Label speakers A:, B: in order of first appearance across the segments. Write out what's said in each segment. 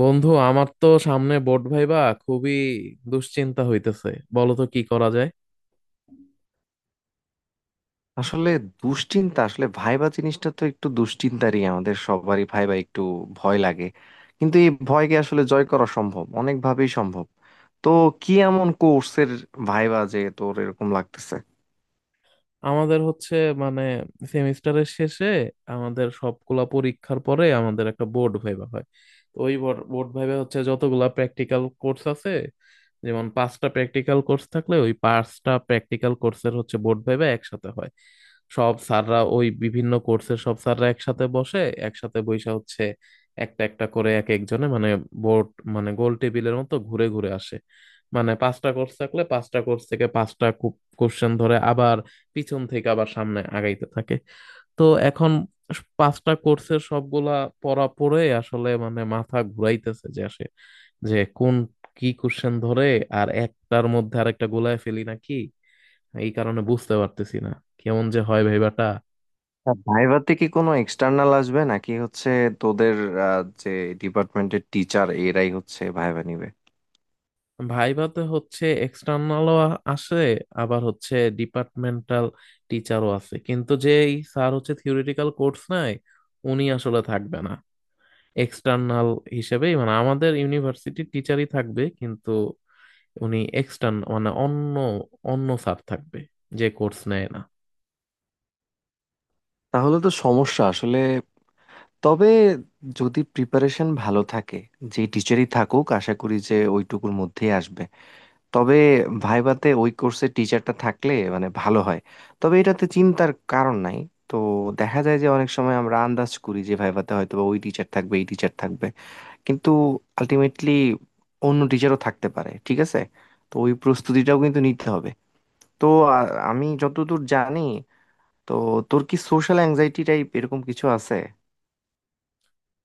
A: বন্ধু, আমার তো সামনে বোর্ড ভাইবা। খুবই দুশ্চিন্তা হইতেছে। বলো তো কি করা যায়?
B: আসলে দুশ্চিন্তা আসলে ভাইবা জিনিসটা তো একটু দুশ্চিন্তারই, আমাদের সবারই ভাইবা একটু ভয় লাগে। কিন্তু এই ভয়কে আসলে জয় করা সম্ভব, অনেকভাবেই সম্ভব। তো কি এমন কোর্সের ভাইবা যে তোর এরকম লাগতেছে?
A: আমাদের হচ্ছে মানে সেমিস্টারের শেষে আমাদের সবগুলা পরীক্ষার পরে আমাদের একটা বোর্ড ভাইবা হয়। তো ওই বোর্ড ভাইবা হচ্ছে যতগুলা প্র্যাকটিক্যাল কোর্স আছে, যেমন পাঁচটা প্র্যাকটিক্যাল কোর্স থাকলে ওই পাঁচটা প্র্যাকটিক্যাল কোর্সের হচ্ছে বোর্ড ভাইভা একসাথে হয়। সব স্যাররা ওই বিভিন্ন কোর্সের সব স্যাররা একসাথে বসে একসাথে বৈশা হচ্ছে একটা একটা করে এক একজনে মানে বোর্ড, মানে গোল টেবিলের মতো ঘুরে ঘুরে আসে। মানে পাঁচটা কোর্স থাকলে পাঁচটা কোর্স থেকে পাঁচটা কোশ্চেন ধরে, আবার পিছন থেকে আবার সামনে আগাইতে থাকে। তো এখন পাঁচটা কোর্সের সবগুলা পড়া পড়ে আসলে মানে মাথা ঘুরাইতেছে যে যে কোন কি কোশ্চেন ধরে, আর একটার মধ্যে আরেকটা গোলায় ফেলি নাকি, এই কারণে বুঝতে পারতেছি না কেমন যে হয় ভাইবাটা।
B: আর ভাইভাতে কি কোনো এক্সটার্নাল আসবে নাকি হচ্ছে তোদের যে ডিপার্টমেন্টের টিচার এরাই হচ্ছে ভাইভা নিবে?
A: ভাইবাতে হচ্ছে এক্সটার্নালও আসে, আবার হচ্ছে ডিপার্টমেন্টাল টিচারও আছে, কিন্তু যেই স্যার হচ্ছে থিওরিটিক্যাল কোর্স নাই উনি আসলে থাকবে না। এক্সটার্নাল হিসেবেই মানে আমাদের ইউনিভার্সিটির টিচারই থাকবে, কিন্তু উনি এক্সটার্ন মানে অন্য অন্য স্যার থাকবে, যে কোর্স নেয় না।
B: তাহলে তো সমস্যা আসলে। তবে যদি প্রিপারেশন ভালো থাকে, যে টিচারই থাকুক আশা করি যে ওইটুকুর মধ্যেই আসবে। তবে ভাইভাতে ওই কোর্সের টিচারটা থাকলে মানে ভালো হয়। তবে এটাতে চিন্তার কারণ নাই। তো দেখা যায় যে অনেক সময় আমরা আন্দাজ করি যে ভাইভাতে হয়তো বা ওই টিচার থাকবে, এই টিচার থাকবে, কিন্তু আলটিমেটলি অন্য টিচারও থাকতে পারে, ঠিক আছে। তো ওই প্রস্তুতিটাও কিন্তু নিতে হবে। তো আমি যতদূর জানি, তো তোর কি সোশ্যাল অ্যাংজাইটি টাইপ এরকম কিছু আছে?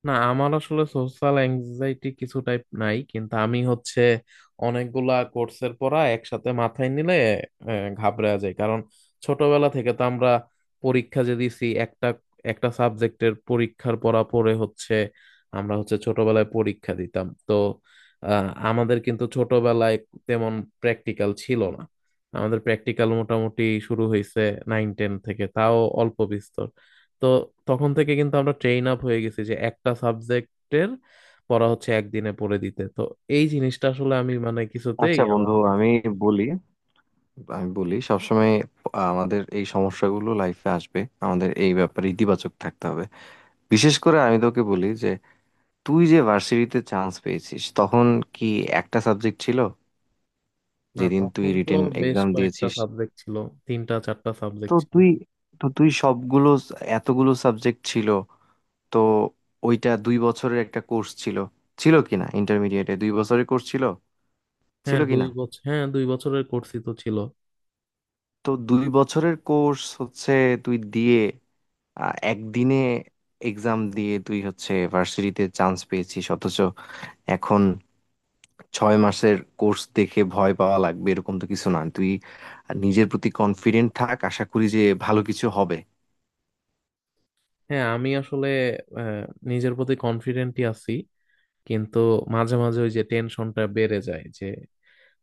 A: না, আমার আসলে সোশ্যাল অ্যাংজাইটি কিছু টাইপ নাই, কিন্তু আমি হচ্ছে অনেকগুলা কোর্সের পড়া একসাথে মাথায় নিলে ঘাবড়ে যায়, কারণ ছোটবেলা থেকে তো আমরা পরীক্ষা যে দিছি একটা একটা সাবজেক্টের পরীক্ষার পড়া পড়ে হচ্ছে আমরা হচ্ছে ছোটবেলায় পরীক্ষা দিতাম তো। আমাদের কিন্তু ছোটবেলায় তেমন প্র্যাকটিক্যাল ছিল না। আমাদের প্র্যাকটিক্যাল মোটামুটি শুরু হয়েছে নাইন টেন থেকে, তাও অল্প বিস্তর। তো তখন থেকে কিন্তু আমরা ট্রেন আপ হয়ে গেছি যে একটা সাবজেক্টের পড়া হচ্ছে একদিনে পড়ে দিতে। তো এই জিনিসটা আসলে আমি মানে কিছুতেই
B: আচ্ছা
A: আমার
B: বন্ধু
A: মধ্যে।
B: আমি বলি, আমি বলি সবসময় আমাদের এই সমস্যাগুলো লাইফে আসবে, আমাদের এই ব্যাপারে ইতিবাচক থাকতে হবে। বিশেষ করে আমি তোকে বলি যে তুই যে ভার্সিটিতে চান্স পেয়েছিস, তখন কি একটা সাবজেক্ট ছিল?
A: না
B: যেদিন তুই
A: তখন তো
B: রিটেন
A: বেশ
B: এক্সাম
A: কয়েকটা
B: দিয়েছিস,
A: সাবজেক্ট ছিল, তিনটা চারটা
B: তো
A: সাবজেক্ট ছিল।
B: তুই তো তুই সবগুলো, এতগুলো সাবজেক্ট ছিল, তো ওইটা 2 বছরের একটা কোর্স ছিল, ছিল কি না, ইন্টারমিডিয়েটে 2 বছরের কোর্স ছিল ছিল
A: হ্যাঁ
B: কি
A: দুই
B: না।
A: বছর হ্যাঁ 2 বছরের কোর্সই তো ছিল।
B: তো 2 বছরের কোর্স হচ্ছে, তুই দিয়ে একদিনে এক্সাম দিয়ে তুই হচ্ছে ভার্সিটিতে চান্স পেয়েছিস, অথচ এখন 6 মাসের কোর্স দেখে ভয় পাওয়া লাগবে এরকম তো কিছু না। তুই নিজের প্রতি কনফিডেন্ট থাক, আশা করি যে ভালো কিছু হবে।
A: হ্যাঁ, আমি আসলে আহ, নিজের প্রতি কনফিডেন্টই আছি, কিন্তু মাঝে মাঝে ওই যে টেনশনটা বেড়ে যায় যে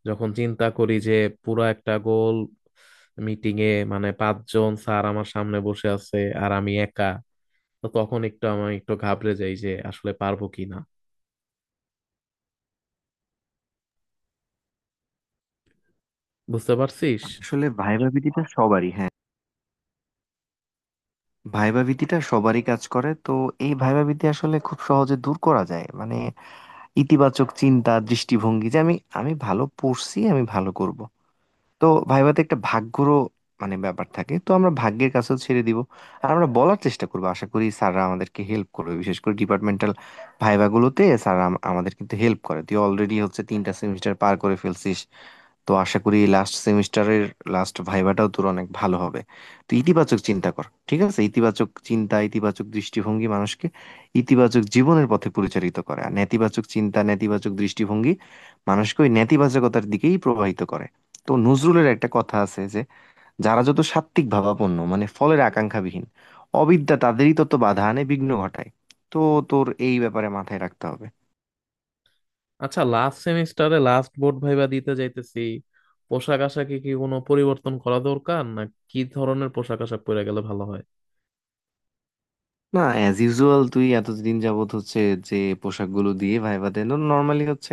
A: যখন চিন্তা করি যে পুরা একটা গোল মিটিং এ মানে পাঁচজন স্যার আমার সামনে বসে আছে, আর আমি একা। তো তখন একটু আমি একটু ঘাবড়ে যাই যে আসলে পারবো কি না, বুঝতে পারছিস।
B: আসলে ভাইবা ভীতিটা সবারই, হ্যাঁ ভাইবা ভীতিটা সবারই কাজ করে। তো এই ভাইবা ভীতি আসলে খুব সহজে দূর করা যায়, মানে ইতিবাচক চিন্তা দৃষ্টিভঙ্গি যে আমি আমি ভালো পড়ছি, আমি ভালো করব। তো ভাইভাতে একটা ভাগ্যরও মানে ব্যাপার থাকে, তো আমরা ভাগ্যের কাছেও ছেড়ে দিব। আর আমরা বলার চেষ্টা করবো, আশা করি স্যাররা আমাদেরকে হেল্প করবে, বিশেষ করে ডিপার্টমেন্টাল ভাইভাগুলোতে স্যাররা আমাদের কিন্তু হেল্প করে। তুই অলরেডি হচ্ছে 3টা সেমিস্টার পার করে ফেলছিস, তো আশা করি লাস্ট সেমিস্টারের লাস্ট ভাইভাটাও তোর অনেক ভালো হবে। তো ইতিবাচক চিন্তা কর, ঠিক আছে। ইতিবাচক চিন্তা, ইতিবাচক দৃষ্টিভঙ্গি মানুষকে ইতিবাচক জীবনের পথে পরিচালিত করে, আর নেতিবাচক চিন্তা, নেতিবাচক দৃষ্টিভঙ্গি মানুষকে ওই নেতিবাচকতার দিকেই প্রবাহিত করে। তো নজরুলের একটা কথা আছে যে যারা যত সাত্ত্বিক ভাবাপন্ন, মানে ফলের আকাঙ্ক্ষাবিহীন, অবিদ্যা তাদেরই তত বাধা আনে, বিঘ্ন ঘটায়। তো তোর এই ব্যাপারে মাথায় রাখতে হবে।
A: আচ্ছা, লাস্ট সেমিস্টারে লাস্ট বোর্ড ভাইবা দিতে যাইতেছি, পোশাক আশাকে কি কোনো পরিবর্তন করা দরকার? না কি ধরনের পোশাক আশাক পরে গেলে ভালো হয়?
B: না, অ্যাজ ইউজুয়াল তুই এতদিন যাবত হচ্ছে যে পোশাকগুলো দিয়ে ভাইবা দেন, নর্মালি হচ্ছে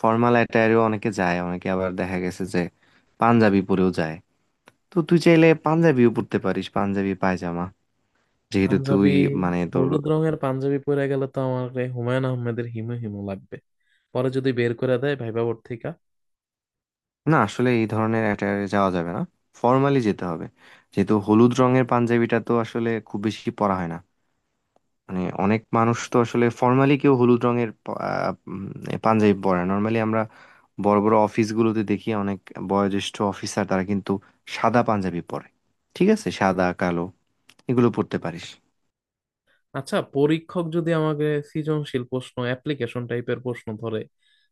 B: ফর্মাল অ্যাটায়ারেও অনেকে যায়, অনেকে আবার দেখা গেছে যে পাঞ্জাবি পরেও যায়। তো তুই চাইলে পাঞ্জাবিও পরতে পারিস, পাঞ্জাবি পায়জামা, যেহেতু
A: পাঞ্জাবি,
B: তুই মানে তোর,
A: হলুদ রঙের পাঞ্জাবি পরে গেলে তো আমার রে হুমায়ুন আহমেদের হিমো হিমো লাগবে। পরে যদি বের করে দেয় ভাইবা বোর্ড থেকে।
B: না আসলে এই ধরনের অ্যাটায়ারে যাওয়া যাবে না, ফর্মালি যেতে হবে। যেহেতু হলুদ রঙের পাঞ্জাবিটা তো আসলে খুব বেশি পরা হয় না, মানে অনেক মানুষ তো আসলে ফর্মালি, কেউ হলুদ রঙের পাঞ্জাবি পরে। নর্মালি আমরা বড় বড় অফিসগুলোতে দেখি অনেক বয়োজ্যেষ্ঠ অফিসার তারা কিন্তু সাদা পাঞ্জাবি পরে, ঠিক আছে। সাদা, কালো এগুলো পরতে পারিস।
A: আচ্ছা, পরীক্ষক যদি আমাকে সৃজনশীল প্রশ্ন, অ্যাপ্লিকেশন টাইপের প্রশ্ন ধরে,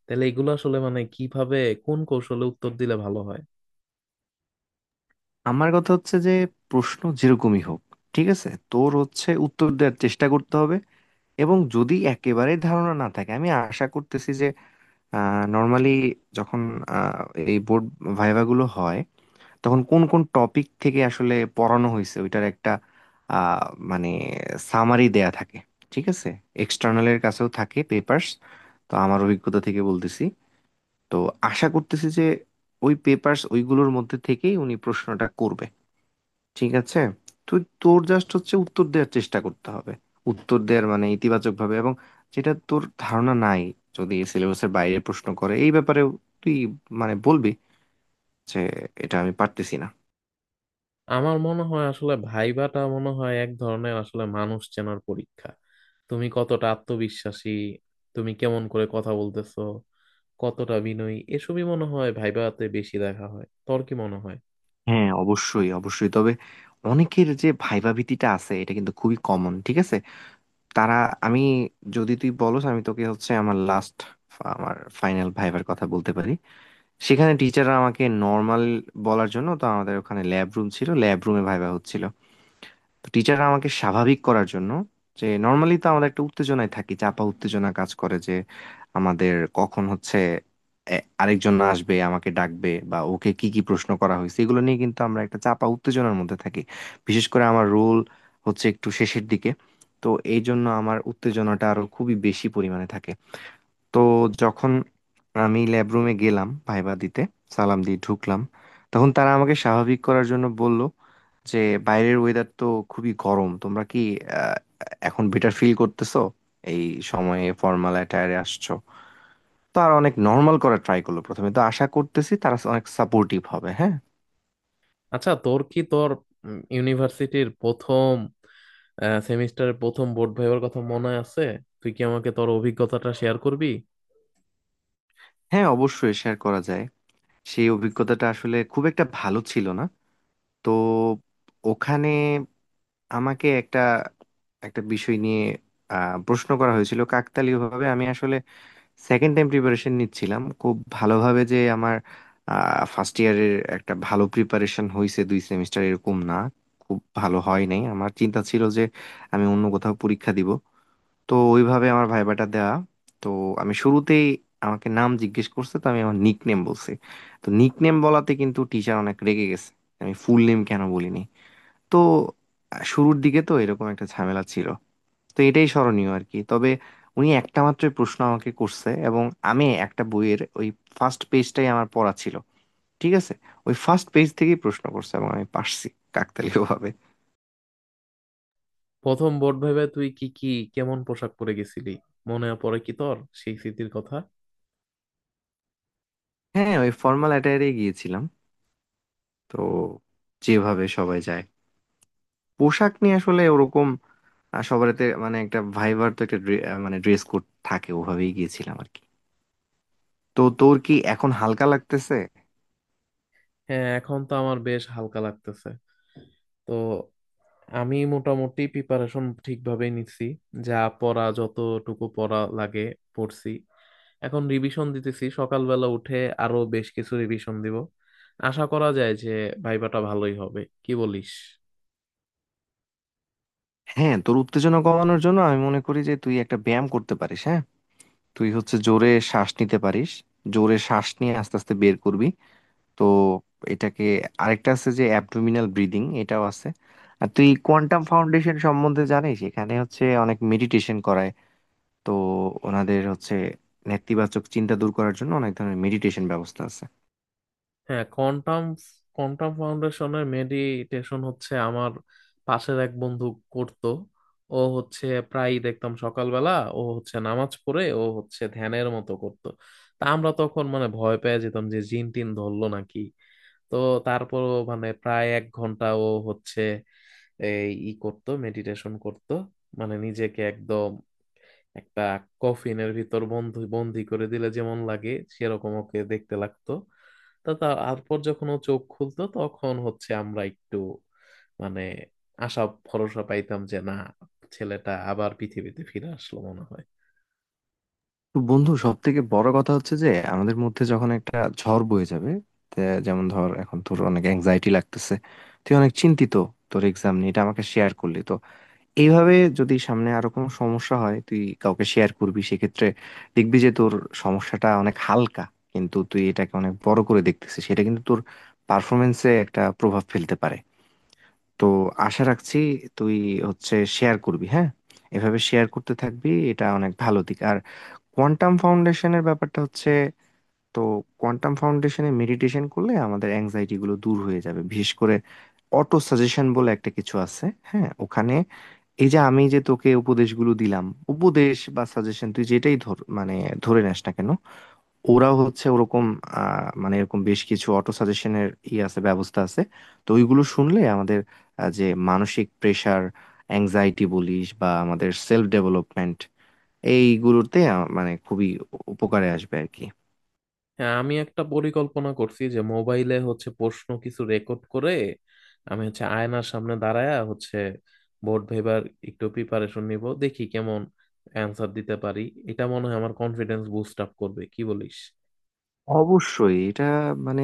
A: তাহলে এগুলো আসলে মানে কিভাবে কোন কৌশলে উত্তর দিলে ভালো হয়?
B: আমার কথা হচ্ছে যে প্রশ্ন যেরকমই হোক, ঠিক আছে, তোর হচ্ছে উত্তর দেওয়ার চেষ্টা করতে হবে। এবং যদি একেবারে ধারণা না থাকে, আমি আশা করতেছি নর্মালি যখন আহ, এই বোর্ড ভাইভা গুলো হয়, তখন কোন কোন টপিক থেকে আসলে পড়ানো হয়েছে ওইটার একটা আহ, মানে সামারি দেয়া থাকে, ঠিক আছে। এক্সটার্নালের কাছেও থাকে পেপার্স, তো আমার অভিজ্ঞতা থেকে বলতেছি। তো আশা করতেছি যে ওই পেপার্স, ওইগুলোর মধ্যে থেকেই উনি প্রশ্নটা করবে, ঠিক আছে। তুই তোর জাস্ট হচ্ছে উত্তর দেওয়ার চেষ্টা করতে হবে, উত্তর দেওয়ার মানে ইতিবাচক ভাবে। এবং যেটা তোর ধারণা নাই, যদি সিলেবাসের বাইরে প্রশ্ন করে, এই ব্যাপারেও তুই মানে বলবি যে এটা আমি পারতেছি না।
A: আমার মনে হয় আসলে ভাইভাটা মনে হয় এক ধরনের আসলে মানুষ চেনার পরীক্ষা। তুমি কতটা আত্মবিশ্বাসী, তুমি কেমন করে কথা বলতেছো, কতটা বিনয়ী, এসবই মনে হয় ভাইভাতে বেশি দেখা হয়। তোর কি মনে হয়?
B: হ্যাঁ অবশ্যই অবশ্যই। তবে অনেকের যে ভাইবা ভীতিটা আছে এটা কিন্তু খুবই কমন, ঠিক আছে। তারা, আমি, যদি তুই বলস আমি তোকে হচ্ছে আমার লাস্ট, আমার ফাইনাল ভাইবার কথা বলতে পারি। সেখানে টিচাররা আমাকে নর্মাল বলার জন্য, তো আমাদের ওখানে ল্যাব রুম ছিল, ল্যাব রুমে ভাইবা হচ্ছিল। তো টিচার আমাকে স্বাভাবিক করার জন্য, যে নর্মালি তো আমরা একটা উত্তেজনায় থাকি, চাপা উত্তেজনা কাজ করে যে আমাদের কখন হচ্ছে আরেকজন আসবে আমাকে ডাকবে, বা ওকে কি কি প্রশ্ন করা হয়েছে, এগুলো নিয়ে কিন্তু আমরা একটা চাপা উত্তেজনার মধ্যে থাকি। বিশেষ করে আমার রোল হচ্ছে একটু শেষের দিকে, তো এই জন্য আমার উত্তেজনাটা আরো খুবই বেশি পরিমাণে থাকে। তো যখন আমি ল্যাব রুমে গেলাম ভাইবা দিতে, সালাম দিয়ে ঢুকলাম, তখন তারা আমাকে স্বাভাবিক করার জন্য বলল যে বাইরের ওয়েদার তো খুবই গরম, তোমরা কি আহ, এখন বেটার ফিল করতেছো, এই সময়ে ফর্মাল অ্যাটায়ারে আসছো। তো আর অনেক নর্মাল করার ট্রাই করলো প্রথমে, তো আশা করতেছি তারা অনেক সাপোর্টিভ হবে, হ্যাঁ।
A: আচ্ছা, তোর কি তোর ইউনিভার্সিটির প্রথম সেমিস্টারের প্রথম বোর্ড ভাইবার কথা মনে আছে? তুই কি আমাকে তোর অভিজ্ঞতাটা শেয়ার করবি?
B: হ্যাঁ অবশ্যই শেয়ার করা যায়। সেই অভিজ্ঞতাটা আসলে খুব একটা ভালো ছিল না। তো ওখানে আমাকে একটা, একটা বিষয় নিয়ে প্রশ্ন করা হয়েছিল। কাকতালীয় ভাবে আমি আসলে সেকেন্ড টাইম প্রিপারেশন নিচ্ছিলাম খুব ভালোভাবে, যে আমার ফার্স্ট ইয়ারের একটা ভালো প্রিপারেশন হয়েছে দুই সেমিস্টার, এরকম না, খুব ভালো হয় নাই। আমার চিন্তা ছিল যে আমি অন্য কোথাও পরীক্ষা দিব, তো ওইভাবে আমার ভাইবাটা দেওয়া। তো আমি শুরুতেই, আমাকে নাম জিজ্ঞেস করছে, তো আমি আমার নিক নেম বলছি। তো নিক নেম বলাতে কিন্তু টিচার অনেক রেগে গেছে, আমি ফুল নেম কেন বলিনি। তো শুরুর দিকে তো এরকম একটা ঝামেলা ছিল, তো এটাই স্মরণীয় আর কি। তবে উনি একটা মাত্র প্রশ্ন আমাকে করছে, এবং আমি একটা বইয়ের ওই ফার্স্ট পেজটাই আমার পড়া ছিল, ঠিক আছে। ওই ফার্স্ট পেজ থেকেই প্রশ্ন করছে এবং আমি পারছি, কাকতালীয় ভাবে।
A: প্রথম বোর্ড ভাইবায় তুই কি কি কেমন পোশাক পরে গেছিলি? মনে পড়ে কি তোর সেই স্মৃতির কথা?
B: হ্যাঁ, ওই ফর্মাল অ্যাটায়ারে গিয়েছিলাম। তো যেভাবে সবাই যায়, পোশাক নিয়ে আসলে ওরকম সবারতে মানে একটা ভাইবার তো একটা মানে ড্রেস কোড থাকে, ওভাবেই গিয়েছিলাম আর কি। তো তোর কি এখন হালকা লাগতেছে?
A: হ্যাঁ, এখন তো আমার বেশ হালকা লাগতেছে। তো আমি মোটামুটি প্রিপারেশন ঠিকভাবেই নিচ্ছি, যা পড়া যতটুকু পড়া লাগে পড়ছি। এখন রিভিশন দিতেছি সকালবেলা উঠে, আরো বেশ কিছু রিভিশন দিব। আশা করা যায় যে ভাইবাটা ভালোই হবে, কি বলিস?
B: হ্যাঁ তোর উত্তেজনা কমানোর জন্য আমি মনে করি যে তুই একটা ব্যায়াম করতে পারিস, হ্যাঁ। তুই হচ্ছে জোরে শ্বাস নিতে পারিস, জোরে শ্বাস নিয়ে আস্তে আস্তে বের করবি। তো এটাকে, আরেকটা আছে যে অ্যাবডোমিনাল ব্রিদিং, এটাও আছে। আর তুই কোয়ান্টাম ফাউন্ডেশন সম্বন্ধে জানিস, এখানে হচ্ছে অনেক মেডিটেশন করায়। তো ওনাদের হচ্ছে নেতিবাচক চিন্তা দূর করার জন্য অনেক ধরনের মেডিটেশন ব্যবস্থা আছে।
A: হ্যাঁ, কোয়ান্টাম কোয়ান্টাম ফাউন্ডেশনের মেডিটেশন হচ্ছে আমার পাশের এক বন্ধু করত। ও হচ্ছে প্রায় দেখতাম সকালবেলা ও হচ্ছে নামাজ পড়ে ও হচ্ছে ধ্যানের মতো করত। তা আমরা তখন মানে ভয় পেয়ে যেতাম যে জিন টিন ধরলো নাকি। তো তারপর মানে প্রায় 1 ঘন্টা ও হচ্ছে এই ই করতো মেডিটেশন করত, মানে নিজেকে একদম একটা কফিনের ভিতর বন্ধু বন্দি করে দিলে যেমন লাগে সেরকম ওকে দেখতে লাগতো। তো তারপর যখন ও চোখ খুলতো তখন হচ্ছে আমরা একটু মানে আশা ভরসা পাইতাম যে না, ছেলেটা আবার পৃথিবীতে ফিরে আসলো মনে হয়।
B: তো বন্ধু সব থেকে বড় কথা হচ্ছে যে আমাদের মধ্যে যখন একটা ঝড় বয়ে যাবে, তে যেমন ধর এখন তোর অনেক অ্যাংজাইটি লাগতেছে, তুই অনেক চিন্তিত তোর এক্সাম নিয়ে, এটা আমাকে শেয়ার করলি। তো এইভাবে যদি সামনে আরো কোনো সমস্যা হয়, তুই কাউকে শেয়ার করবি সেক্ষেত্রে, দেখবি যে তোর সমস্যাটা অনেক হালকা। কিন্তু তুই এটাকে অনেক বড় করে দেখতেছিস, সেটা কিন্তু তোর পারফরমেন্সে একটা প্রভাব ফেলতে পারে। তো আশা রাখছি তুই হচ্ছে শেয়ার করবি, হ্যাঁ, এভাবে শেয়ার করতে থাকবি, এটা অনেক ভালো দিক। আর কোয়ান্টাম ফাউন্ডেশনের ব্যাপারটা হচ্ছে, তো কোয়ান্টাম ফাউন্ডেশনে মেডিটেশন করলে আমাদের অ্যাংজাইটি গুলো দূর হয়ে যাবে, বিশেষ করে অটো সাজেশন বলে একটা কিছু আছে, হ্যাঁ ওখানে। এই যে আমি যে তোকে উপদেশগুলো দিলাম, উপদেশ বা সাজেশন, তুই যেটাই ধর মানে, ধরে নেস না কেন, ওরাও হচ্ছে ওরকম মানে এরকম বেশ কিছু অটো সাজেশনের ই আছে, ব্যবস্থা আছে। তো ওইগুলো শুনলে আমাদের যে মানসিক প্রেসার, অ্যাংজাইটি বলিস বা আমাদের সেলফ ডেভেলপমেন্ট, এইগুলোতে মানে খুবই উপকারে আসবে আর কি।
A: হ্যাঁ, আমি একটা পরিকল্পনা করছি যে মোবাইলে হচ্ছে প্রশ্ন কিছু রেকর্ড করে আমি হচ্ছে আয়নার সামনে দাঁড়ায়া হচ্ছে বোর্ড ভেবার একটু প্রিপারেশন নিব, দেখি কেমন অ্যান্সার দিতে পারি। এটা মনে হয় আমার কনফিডেন্স বুস্ট আপ করবে, কি বলিস?
B: অবশ্যই এটা, মানে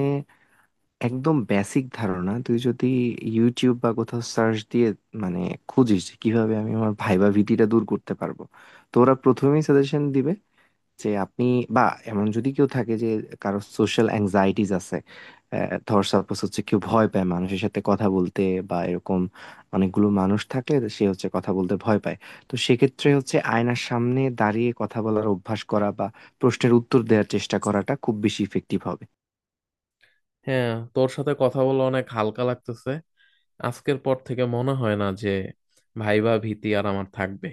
B: একদম বেসিক ধারণা। তুই যদি ইউটিউব বা কোথাও সার্চ দিয়ে মানে খুঁজিস যে কিভাবে আমি আমার ভাইবা ভীতিটা দূর করতে পারবো, তো ওরা প্রথমেই সাজেশন দিবে যে আপনি, বা এমন যদি কেউ থাকে যে, কারো সোশ্যাল অ্যাংজাইটিস আছে, ধর সাপোজ হচ্ছে কেউ ভয় পায় মানুষের সাথে কথা বলতে, বা এরকম অনেকগুলো মানুষ থাকলে সে হচ্ছে কথা বলতে ভয় পায়, তো সেক্ষেত্রে হচ্ছে আয়নার সামনে দাঁড়িয়ে কথা বলার অভ্যাস করা বা প্রশ্নের উত্তর দেওয়ার চেষ্টা করাটা খুব বেশি ইফেক্টিভ হবে।
A: হ্যাঁ, তোর সাথে কথা বলে অনেক হালকা লাগতেছে। আজকের পর থেকে মনে হয় না যে ভাইবা ভীতি আর আমার থাকবে।